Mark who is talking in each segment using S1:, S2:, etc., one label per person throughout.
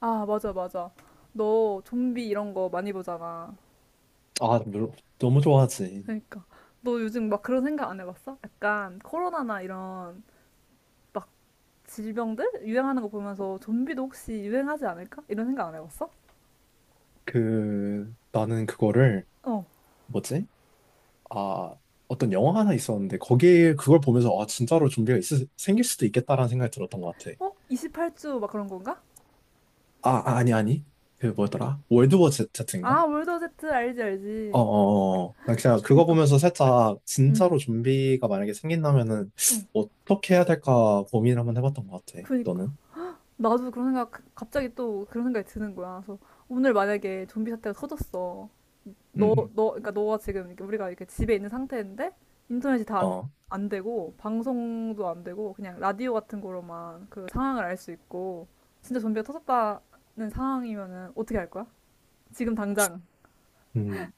S1: 아, 맞아, 맞아. 너 좀비 이런 거 많이 보잖아.
S2: 아, 물론 너무 좋아하지.
S1: 그러니까. 너 요즘 막 그런 생각 안 해봤어? 약간 코로나나 이런 막 질병들 유행하는 거 보면서 좀비도 혹시 유행하지 않을까? 이런 생각 안 해봤어?
S2: 그 나는 그거를
S1: 어.
S2: 뭐지? 아, 어떤 영화 하나 있었는데 거기에 그걸 보면서 아, 진짜로 좀비가 있을, 생길 수도 있겠다라는 생각이 들었던 것 같아.
S1: 어? 28주 막 그런 건가?
S2: 아, 아니. 그 뭐더라? 월드워 제트인가?
S1: 아, 월드 제트 알지,
S2: 어,
S1: 알지.
S2: 어, 어. 나 그냥 그거
S1: 그니까.
S2: 보면서 살짝
S1: 응,
S2: 진짜로 좀비가 만약에 생긴다면은
S1: 응.
S2: 어떻게 해야 될까 고민을 한번 해봤던 것 같아.
S1: 그니까.
S2: 너는?
S1: 나도 그런 생각, 갑자기 또 그런 생각이 드는 거야. 그래서 오늘 만약에 좀비 사태가 터졌어.
S2: 음.
S1: 그러니까 너가 지금 이렇게 우리가 이렇게 집에 있는 상태인데 인터넷이 다 안,
S2: 어.
S1: 안 되고 방송도 안 되고 그냥 라디오 같은 거로만 그 상황을 알 수 있고 진짜 좀비가 터졌다는 상황이면은 어떻게 할 거야? 지금 당장
S2: 음.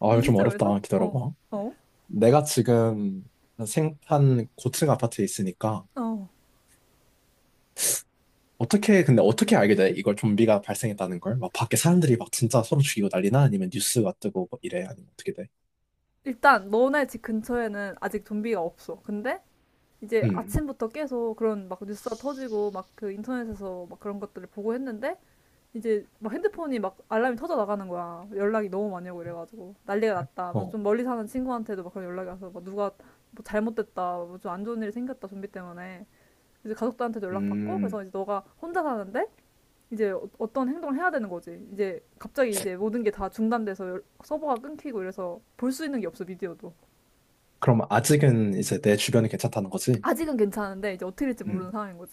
S2: 아,
S1: 이
S2: 이거 좀
S1: 시점에서?
S2: 어렵다.
S1: 어,
S2: 기다려봐.
S1: 어,
S2: 내가 지금 생판 고층 아파트에 있으니까
S1: 어.
S2: 어떻게 근데 어떻게 알게 돼? 이걸 좀비가 발생했다는 걸? 막 밖에 사람들이 막 진짜 서로 죽이고 난리나? 아니면 뉴스가 뜨고 뭐 이래? 아니면 어떻게 돼?
S1: 일단 너네 집 근처에는 아직 좀비가 없어. 근데 이제
S2: 음.
S1: 아침부터 계속 그런 막 뉴스가 터지고 막 그 인터넷에서 막 그런 것들을 보고 했는데 이제 막 핸드폰이 막 알람이 터져 나가는 거야. 연락이 너무 많이 오고 이래가지고 난리가 났다. 그래서
S2: 어.
S1: 좀 멀리 사는 친구한테도 막 그런 연락이 와서 막 누가 뭐 잘못됐다, 뭐 좀 안 좋은 일이 생겼다 좀비 때문에 이제 가족들한테도 연락 받고
S2: 음.
S1: 그래서 이제 너가 혼자 사는데 이제 어떤 행동을 해야 되는 거지. 이제 갑자기 이제 모든 게 다 중단돼서 서버가 끊기고 이래서 볼 수 있는 게 없어 미디어도.
S2: 그럼 아직은 이제 내 주변이 괜찮다는 거지?
S1: 아직은 괜찮은데 이제 어떻게 될지 모르는
S2: 음.
S1: 상황인 거지.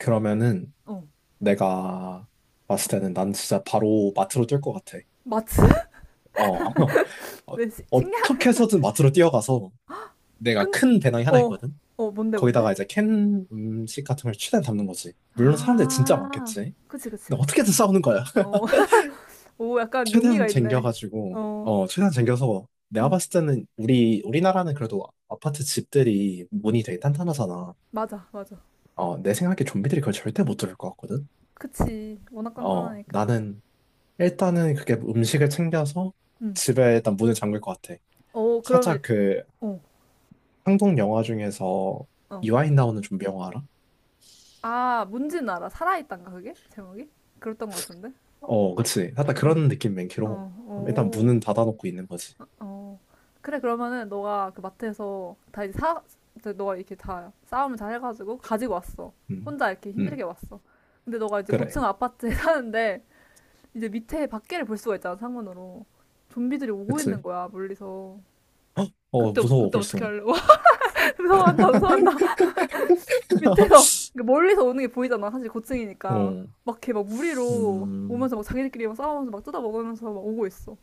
S2: 그러면은
S1: 어,
S2: 내가 봤을
S1: 어.
S2: 때는 난 진짜 바로 마트로 뛸 것 같아.
S1: 마치
S2: 어. 어,
S1: 왜 식량
S2: 어떻게 해서든 마트로 뛰어가서 내가
S1: 큰
S2: 큰 배낭이 하나
S1: 어,
S2: 있거든?
S1: 어 뭔데 뭔데?
S2: 거기다가 이제 캔 음식 같은 걸 최대한 담는 거지. 물론 사람들 진짜
S1: 아,
S2: 많겠지.
S1: 그치, 그치,
S2: 근데
S1: 그치.
S2: 어떻게든 싸우는 거야.
S1: 어, 오, 약간
S2: 최대한
S1: 용기가 있네.
S2: 쟁겨가지고,
S1: 어,
S2: 어, 최대한 쟁여서 내가
S1: 응,
S2: 봤을 때는 우리나라는 그래도 아파트 집들이 문이 되게 탄탄하잖아.
S1: 맞아, 맞아.
S2: 어, 내 생각에 좀비들이 그걸 절대 못 들을 것 같거든.
S1: 그치, 워낙
S2: 어,
S1: 간단하니까.
S2: 나는 일단은 그게 음식을 챙겨서
S1: 응.
S2: 집에 일단 문을 잠글 것 같아.
S1: 어, 그러면,
S2: 살짝 그
S1: 어,
S2: 한국 영화 중에서
S1: 어.
S2: 이화인 나오는 좀비 영화 알아?
S1: 아, 뭔지는 알아. 살아있단가, 그게? 제목이? 그랬던 것 같은데?
S2: 어, 그치. 살짝
S1: 응.
S2: 그런 느낌 맹키로.
S1: 어,
S2: 일단
S1: 오,
S2: 문은 닫아놓고 있는 거지.
S1: 어. 그래, 그러면은, 너가 그 마트에서 다 이제 너가 이렇게 다 싸움을 잘 해가지고 가지고 왔어.
S2: 음,
S1: 혼자 이렇게
S2: 음,
S1: 힘들게 왔어. 근데 너가 이제
S2: 그래.
S1: 고층 아파트에 사는데, 이제 밑에 밖에를 볼 수가 있잖아, 창문으로. 좀비들이 오고
S2: 그치.
S1: 있는 거야, 멀리서.
S2: 헉! 어,
S1: 그때, 어-
S2: 무서워,
S1: 그때 어떻게
S2: 벌써.
S1: 할래? 와, 무서워한다, 무서워한다. 밑에서, 그러니까 멀리서 오는 게 보이잖아, 사실 고층이니까.
S2: 어,
S1: 막 이렇게 막 무리로
S2: 음,
S1: 오면서 막 자기들끼리 막 싸우면서 막 뜯어먹으면서 막 오고 있어.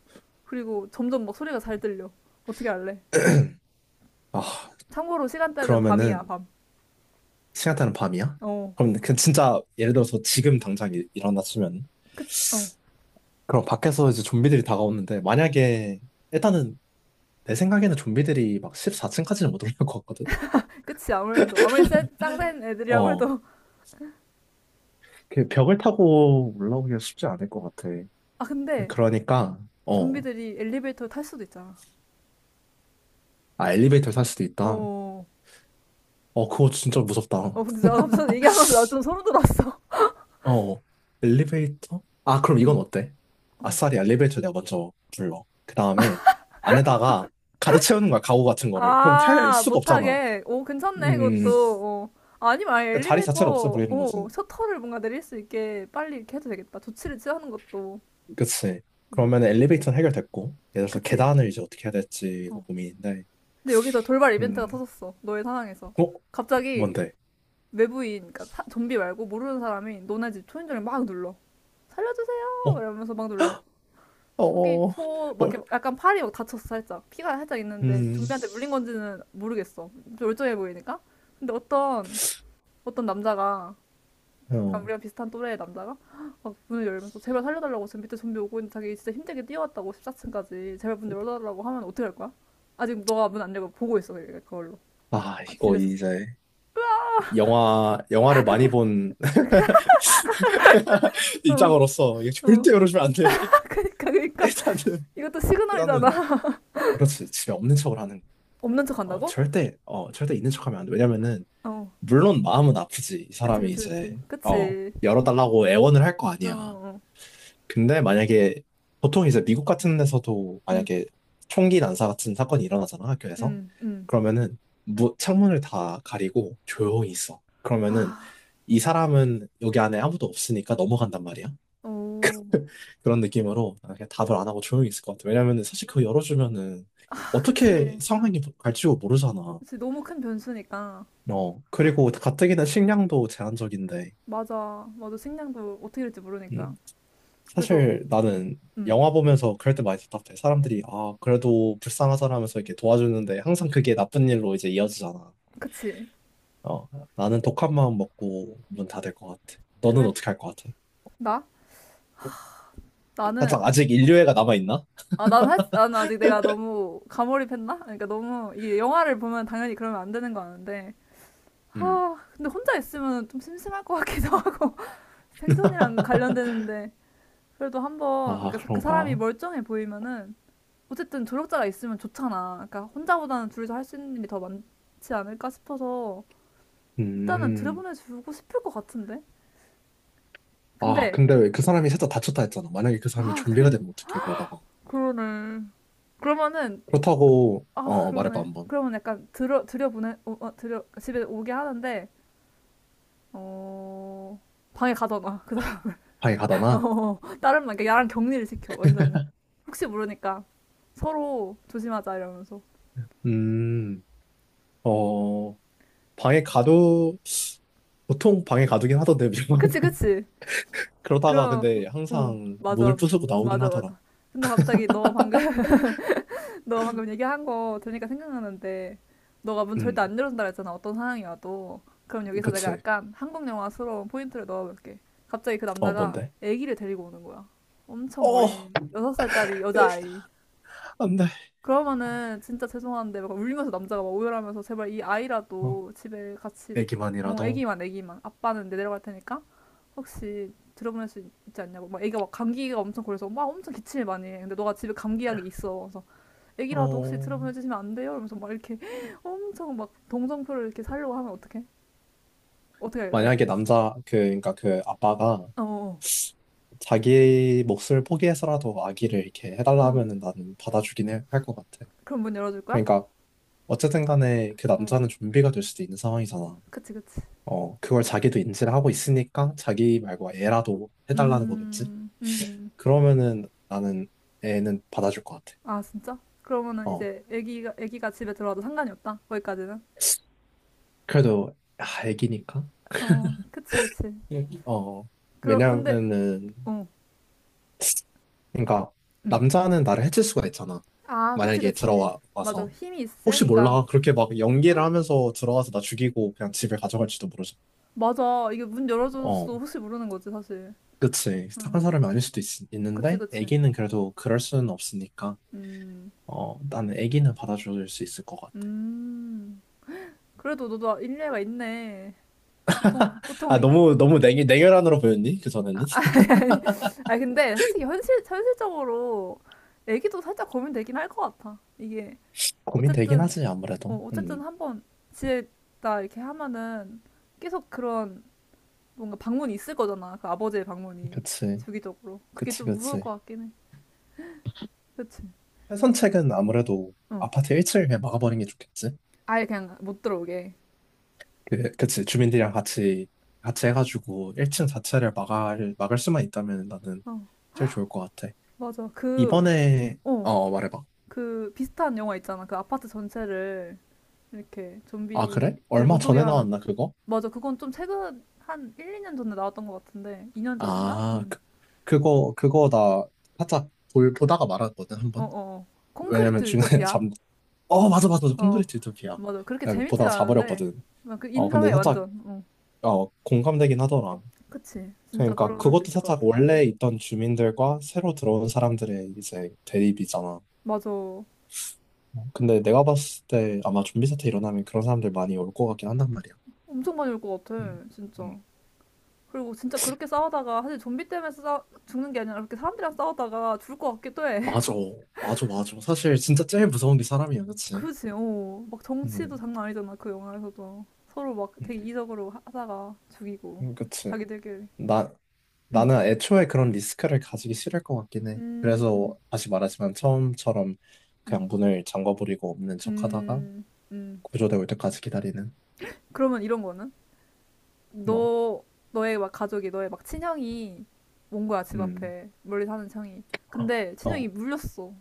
S1: 그리고 점점 막 소리가 잘 들려. 어떻게 할래?
S2: 아,
S1: 참고로 시간대는 밤이야,
S2: 그러면은,
S1: 밤.
S2: 시간대는 밤이야?
S1: 어,
S2: 그럼 그 진짜, 예를 들어서 지금 당장 일어났으면,
S1: 그 어,
S2: 그럼 밖에서 이제 좀비들이 다가오는데, 만약에,
S1: 어.
S2: 일단은, 내 생각에는 좀비들이 막 14층까지는 못 올라올 것 같거든?
S1: 그치 아무래도. 아무리 센, 짱센 애들이라고
S2: 어,
S1: 해도.
S2: 그 벽을 타고 올라오기가 쉽지 않을 것 같아.
S1: 아, 근데
S2: 그러니까, 어,
S1: 좀비들이 엘리베이터를 탈 수도 있잖아.
S2: 아, 엘리베이터를 탈 수도 있다.
S1: 어.
S2: 어, 그거 진짜 무섭다.
S1: 어, 근데 나 갑자기 얘기하면서 나 좀 소름 돋았어.
S2: 어, 엘리베이터? 아, 그럼 이건
S1: 응.
S2: 어때?
S1: 어.
S2: 아싸리 엘리베이터 내가 먼저 불러. 그 다음에 안에다가 가득 채우는 거야, 가구 같은 거를. 그럼 탈
S1: 아,
S2: 수가 없잖아.
S1: 못하게. 오, 괜찮네,
S2: 음,
S1: 그것도. 어. 아니면 아예
S2: 그러니까 자리
S1: 엘리베이터,
S2: 자체를 없애버리는
S1: 어,
S2: 거지.
S1: 셔터를 뭔가 내릴 수 있게 빨리 이렇게 해도 되겠다. 조치를 취하는 것도.
S2: 그치.
S1: 음.
S2: 그러면 엘리베이터는 해결됐고, 예를 들어서
S1: 그치?
S2: 계단을 이제 어떻게 해야 될지
S1: 어.
S2: 고민인데,
S1: 근데 여기서 돌발 이벤트가
S2: 음,
S1: 터졌어. 너의 상황에서.
S2: 어?
S1: 갑자기
S2: 뭔데?
S1: 외부인, 그러니까 좀비 말고 모르는 사람이 너네 집 초인종을 막 눌러. 살려주세요!
S2: 어?
S1: 이러면서 막 눌러.
S2: 어,
S1: 속이
S2: 어, 어.
S1: 초, 막
S2: 뭘?
S1: 이렇게 약간 팔이 막 다쳤어, 살짝. 피가 살짝 있는데
S2: 음,
S1: 좀비한테 물린 건지는 모르겠어. 좀 멀쩡해 보이니까. 근데 어떤, 어떤 남자가, 약간
S2: 어.
S1: 우리랑 비슷한 또래의 남자가 막 문을 열면서 제발 살려달라고 지금 밑에 좀비 오고 있는데 자기 진짜 힘들게 뛰어왔다고 14층까지 제발 문 열어달라고 하면 어떻게 할 거야? 아직 너가 문 안 열고 보고 있어, 그걸로.
S2: 아,
S1: 아,
S2: 이거
S1: 집에서.
S2: 이제. 영화를 많이 본
S1: 어,
S2: 입장으로서 이게
S1: 어.
S2: 절대 이러시면 안 돼.
S1: 아, 그니까, 그니까.
S2: 일단은,
S1: 이것도 시그널이잖아.
S2: 일단은, 그렇지. 집에 없는 척을 하는 거.
S1: 없는 척
S2: 어,
S1: 한다고?
S2: 절대, 어, 절대 있는 척 하면 안 돼. 왜냐면은,
S1: 어.
S2: 물론 마음은 아프지. 이
S1: 그치,
S2: 사람이
S1: 그치, 그치.
S2: 이제, 어,
S1: 그치.
S2: 열어달라고 애원을 할 거
S1: 어,
S2: 아니야.
S1: 어.
S2: 근데 만약에, 보통 이제 미국 같은 데서도
S1: 응,
S2: 만약에 총기 난사 같은 사건이 일어나잖아, 학교에서.
S1: 응, 응.
S2: 그러면은, 창문을 다 가리고 조용히 있어. 그러면은,
S1: 아,
S2: 이 사람은 여기 안에 아무도 없으니까 넘어간단 말이야.
S1: 오,
S2: 그런 느낌으로 아, 그냥 답을 안 하고 조용히 있을 것 같아. 왜냐면은 사실 그거 열어주면은
S1: 아, 그치.
S2: 어떻게
S1: 응.
S2: 상황이 갈지 뭐 모르잖아.
S1: 그치. 너무 큰 변수니까.
S2: 어, 그리고 가뜩이나 식량도 제한적인데.
S1: 맞아. 맞아. 식량도 어떻게 될지 모르니까.
S2: 음,
S1: 그래서,
S2: 사실
S1: 응,
S2: 나는
S1: 응.
S2: 영화 보면서 그럴 때 많이 답답해. 사람들이 아, 그래도 불쌍하잖아면서 이렇게 도와주는데 항상 그게 나쁜 일로 이제 이어지잖아.
S1: 그치.
S2: 어, 나는 독한 마음 먹고 문 닫을 것 같아. 너는
S1: 그래?
S2: 어떻게 할 것 같아?
S1: 나?
S2: 살짝
S1: 나는,
S2: 아직 인류애가 남아있나?
S1: 나는 아직 내가 너무 가몰입했나? 그러니까 너무, 이게 영화를 보면 당연히 그러면 안 되는 거 아는데.
S2: 음.
S1: 아, 근데 혼자 있으면 좀 심심할 것 같기도 하고. 생존이랑 관련되는데. 그래도 한번,
S2: 아,
S1: 그 사람이
S2: 그런가?
S1: 멀쩡해 보이면은 어쨌든 조력자가 있으면 좋잖아. 그러니까 혼자보다는 둘이서 할 수 있는 일이 더 많지 않을까 싶어서 일단은
S2: 음.
S1: 들여보내주고 싶을 것 같은데.
S2: 아,
S1: 근데
S2: 근데 왜 그 사람이 살짝 다쳤다 했잖아. 만약에 그 사람이
S1: 아, 그
S2: 좀비가 되면 어떡해, 그러다가.
S1: 그러네. 그러면은
S2: 그렇다고,
S1: 아,
S2: 어, 어, 말해봐,
S1: 그러네.
S2: 한번.
S1: 그러면 약간 들여 집에 오게 하는데 어 방에 가둬놔. 그다
S2: 방에 가다나?
S1: 다른 말 그러니까 야랑 격리를 시켜 완전히. 혹시 모르니까 서로 조심하자 이러면서.
S2: 음, 어, 방에 가도, 보통 방에 가두긴 하던데,
S1: 그치
S2: 밀망도.
S1: 그치.
S2: 그러다가
S1: 그럼,
S2: 근데
S1: 어,
S2: 항상 문을
S1: 맞아.
S2: 부수고 나오긴
S1: 맞아,
S2: 하더라.
S1: 맞아. 근데 갑자기 너가 방금, 너가 방금 얘기한 거 들으니까 생각나는데, 너가 문 절대
S2: 음,
S1: 안 열어준다 했잖아 어떤 상황이어도. 그럼 여기서 내가
S2: 그치.
S1: 약간 한국 영화스러운 포인트를 넣어볼게. 갑자기 그
S2: 어,
S1: 남자가
S2: 뭔데?
S1: 아기를 데리고 오는 거야. 엄청
S2: 어,
S1: 어린, 6살짜리
S2: 에,
S1: 여자아이.
S2: 안 돼.
S1: 그러면은 진짜 죄송한데 막 울면서 남자가 막 오열하면서 제발 이
S2: 어,
S1: 아이라도 집에 같이, 어,
S2: 애기만이라도.
S1: 아기만, 아기만. 아빠는 내려갈 테니까 혹시 들어보낼 수 있지 않냐고. 막 애기가 막 감기가 엄청 걸려서 막 엄청 기침을 많이 해. 근데 너가 집에 감기약이 있어. 그래서 애기라도 혹시
S2: 어,
S1: 들어보내 주시면 안 돼요? 이러면서 막 이렇게 엄청 막 동정표를 이렇게 살려고 하면 어떡해? 어떻게 할래?
S2: 만약에 그니까 그 아빠가
S1: 어, 어,
S2: 자기 몫을 포기해서라도 아기를 이렇게 해달라
S1: 어.
S2: 하면은 나는 받아주긴 할 것 같아.
S1: 그럼 문 열어줄 거야?
S2: 그러니까 어쨌든 간에 그
S1: 어,
S2: 남자는 좀비가 될 수도 있는 상황이잖아.
S1: 그치, 그치.
S2: 어, 그걸 자기도 인지를 하고 있으니까 자기 말고 애라도 해달라는 거겠지?
S1: 음, 음, 음.
S2: 그러면은 나는 애는 받아줄 것 같아.
S1: 아, 진짜? 그러면은
S2: 어,
S1: 이제 애기가, 애기가 집에 들어와도 상관이 없다? 거기까지는?
S2: 그래도 아, 애기니까.
S1: 어, 그치, 그치.
S2: 어,
S1: 그러, 근데,
S2: 왜냐면은
S1: 어,
S2: 그러니까
S1: 음.
S2: 남자는 나를 해칠 수가 있잖아.
S1: 아, 그치,
S2: 만약에
S1: 그치. 맞아.
S2: 들어와서
S1: 힘이
S2: 혹시
S1: 세니까.
S2: 몰라 그렇게 막 연기를 하면서 들어와서 나 죽이고 그냥 집에 가져갈지도 모르잖아.
S1: 맞아. 이게 문
S2: 어,
S1: 열어줘서도 혹시 모르는 거지, 사실.
S2: 그치.
S1: 응.
S2: 착한 사람이 아닐 수도 있,
S1: 그치,
S2: 는데
S1: 그치.
S2: 애기는 그래도 그럴 수는 없으니까.
S1: 음,
S2: 어, 나는 애기는 받아줄 수 있을 것 같아.
S1: 음. 그래도 너도 일리가 있네. 보통,
S2: 아,
S1: 보통. 이-
S2: 너무 너무 냉 냉혈한으로 보였니? 그 전에는
S1: 아니, 근데 솔직히 현실적으로 애기도 살짝 고민되긴 할 것 같아. 이게,
S2: 고민되긴
S1: 어쨌든,
S2: 하지
S1: 어,
S2: 아무래도.
S1: 어쨌든 한번 지냈다 이렇게 하면은 계속 그런 뭔가 방문이 있을 거잖아. 그 아버지의 방문이.
S2: 그치,
S1: 주기적으로. 그게
S2: 그치,
S1: 좀 무서울
S2: 그치.
S1: 것 같긴 해. 그치?
S2: 최선책은 아무래도
S1: 어.
S2: 아파트 1층에 막아버리는 게 좋겠지.
S1: 아예 그냥 못 들어오게.
S2: 그치. 주민들이랑 같이, 같이 해가지고 1층 자체를 막을 수만 있다면 나는
S1: 어.
S2: 제일 좋을 것 같아.
S1: 맞아. 그,
S2: 이번에,
S1: 어,
S2: 어, 말해봐.
S1: 그 비슷한 영화 있잖아. 그 아파트 전체를 이렇게
S2: 아, 그래?
S1: 좀비들
S2: 얼마
S1: 못 오게
S2: 전에
S1: 하는.
S2: 나왔나, 그거?
S1: 맞아. 그건 좀 최근 한 1, 2년 전에 나왔던 것 같은데. 2년 전인가?
S2: 아,
S1: 응.
S2: 그거 나 살짝 보다가 말았거든, 한
S1: 어, 어,
S2: 번.
S1: 어.
S2: 왜냐면
S1: 콘크리트
S2: 중간에
S1: 유토피아.
S2: 잠, 어, 맞아.
S1: 어,
S2: 콘크리트 유토피아.
S1: 맞아. 그렇게
S2: 내가
S1: 재밌진
S2: 보다가
S1: 않은데.
S2: 자버렸거든.
S1: 나그
S2: 어, 근데
S1: 인정해,
S2: 살짝,
S1: 완전. 어.
S2: 어, 공감되긴 하더라.
S1: 그치. 진짜
S2: 그러니까
S1: 그럴 수
S2: 그것도
S1: 있을 것
S2: 살짝
S1: 같아.
S2: 원래 있던 주민들과 새로 들어온 사람들의 이제 대립이잖아.
S1: 맞아.
S2: 어, 근데 내가 봤을 때 아마 좀비 사태 일어나면 그런 사람들 많이 올 것 같긴 한단 말이야.
S1: 엄청 많이 올 것
S2: 음,
S1: 같아. 진짜.
S2: 음.
S1: 그리고 진짜 그렇게 싸우다가 사실 좀비 때문에 싸 죽는 게 아니라 그렇게 사람들이랑 싸우다가 죽을 것 같기도 해.
S2: 맞아, 맞아. 사실 진짜 제일 무서운 게 사람이야, 그치?
S1: 그지, 어. 막 정치도
S2: 음,
S1: 장난 아니잖아, 그 영화에서도. 서로 막
S2: 음,
S1: 되게 이성으로 하다가 죽이고.
S2: 그치.
S1: 자기들끼리.
S2: 나,
S1: 음,
S2: 나는 애초에 그런 리스크를 가지기 싫을 것 같긴 해.
S1: 음,
S2: 그래서 다시 말하지만 처음처럼
S1: 음,
S2: 그냥 문을 잠궈버리고 없는 척하다가
S1: 음, 음.
S2: 구조대 올 때까지 기다리는
S1: 그러면 이런 거는?
S2: 뭐,
S1: 너, 너의 막 가족이, 너의 막 친형이 온 거야, 집
S2: 음,
S1: 앞에. 멀리 사는 형이. 근데 친형이
S2: 어,
S1: 물렸어.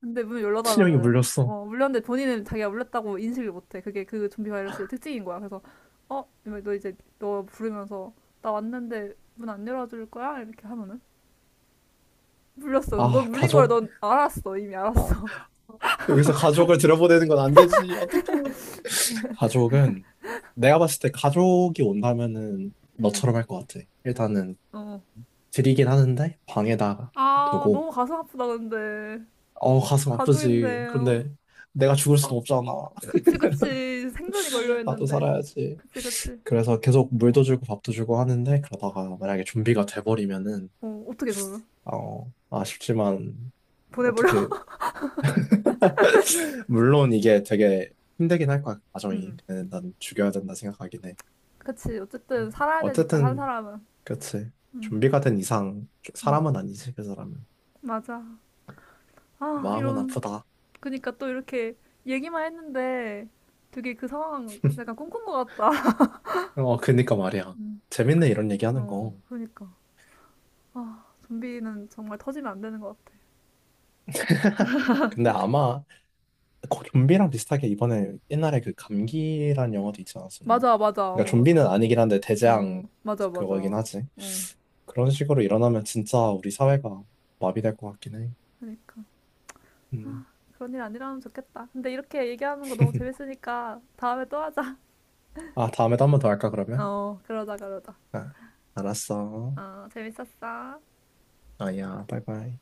S1: 근데 문 열어달라
S2: 친형이
S1: 그래.
S2: 물렸어.
S1: 어, 물렸는데 본인은 자기가 물렸다고 인식을 못해. 그게 그 좀비 바이러스의 특징인 거야. 그래서, 어? 이러면 너 이제, 너 부르면서, 나 왔는데 문 안 열어줄 거야? 이렇게 하면은. 물렸어. 근데 넌
S2: 아,
S1: 물린 걸
S2: 가족?
S1: 넌 알았어. 이미
S2: 아,
S1: 알았어.
S2: 여기서 가족을 들여보내는 건 안 되지. 어떡해. 가족은 내가 봤을 때 가족이 온다면은
S1: 응.
S2: 너처럼 할 것 같아. 일단은
S1: 어.
S2: 드리긴 하는데 방에다가
S1: 아,
S2: 두고
S1: 너무 가슴 아프다, 근데.
S2: 어 가슴 아프지.
S1: 가족인데. 어.
S2: 그런데 내가 죽을 순 없잖아.
S1: 그치, 그치. 생존이
S2: 나도
S1: 걸려있는데.
S2: 살아야지.
S1: 그치, 그치.
S2: 그래서 계속 물도 주고 밥도 주고 하는데 그러다가 만약에 좀비가 돼버리면은
S1: 어, 어떻게 그러면?
S2: 어 아쉽지만
S1: 보내버려?
S2: 어떻게 물론 이게 되게 힘들긴 할 거야 과정이.
S1: 응.
S2: 근데 난 죽여야 된다 생각하긴 해.
S1: 그치. 어쨌든 살아야 되니까, 산
S2: 어쨌든
S1: 사람은.
S2: 그치.
S1: 응,
S2: 좀비가 된 이상
S1: 응.
S2: 사람은 아니지, 그 사람은.
S1: 맞아. 아,
S2: 마음은
S1: 이런.
S2: 아프다.
S1: 그니까 또 이렇게 얘기만 했는데 되게 그 상황 약간 꿈꾼 것 같다.
S2: 어, 그니까 말이야.
S1: 응.
S2: 재밌네, 이런 얘기하는
S1: 어,
S2: 거.
S1: 그러니까. 아, 좀비는 정말 터지면 안 되는 것 같아.
S2: 근데 아마 거- 좀비랑 비슷하게 이번에 옛날에 그 감기란 영화도 있지 않았었나?
S1: 맞아, 맞아.
S2: 그러니까
S1: 어, 맞아.
S2: 좀비는 아니긴 한데
S1: 어,
S2: 대재앙
S1: 맞아,
S2: 그거긴
S1: 맞아.
S2: 하지.
S1: 응
S2: 그런 식으로 일어나면 진짜 우리 사회가 마비될 것 같긴 해.
S1: 그러니까.
S2: 음.
S1: 그런 일 아니라면 좋겠다. 근데 이렇게 얘기하는 거 너무 재밌으니까 다음에 또 하자.
S2: 아, 다음에도 한 번 더 할까, 그러면?
S1: 어, 그러자, 그러자.
S2: 아, 알았어.
S1: 어, 재밌었어.
S2: 아야, 바이바이.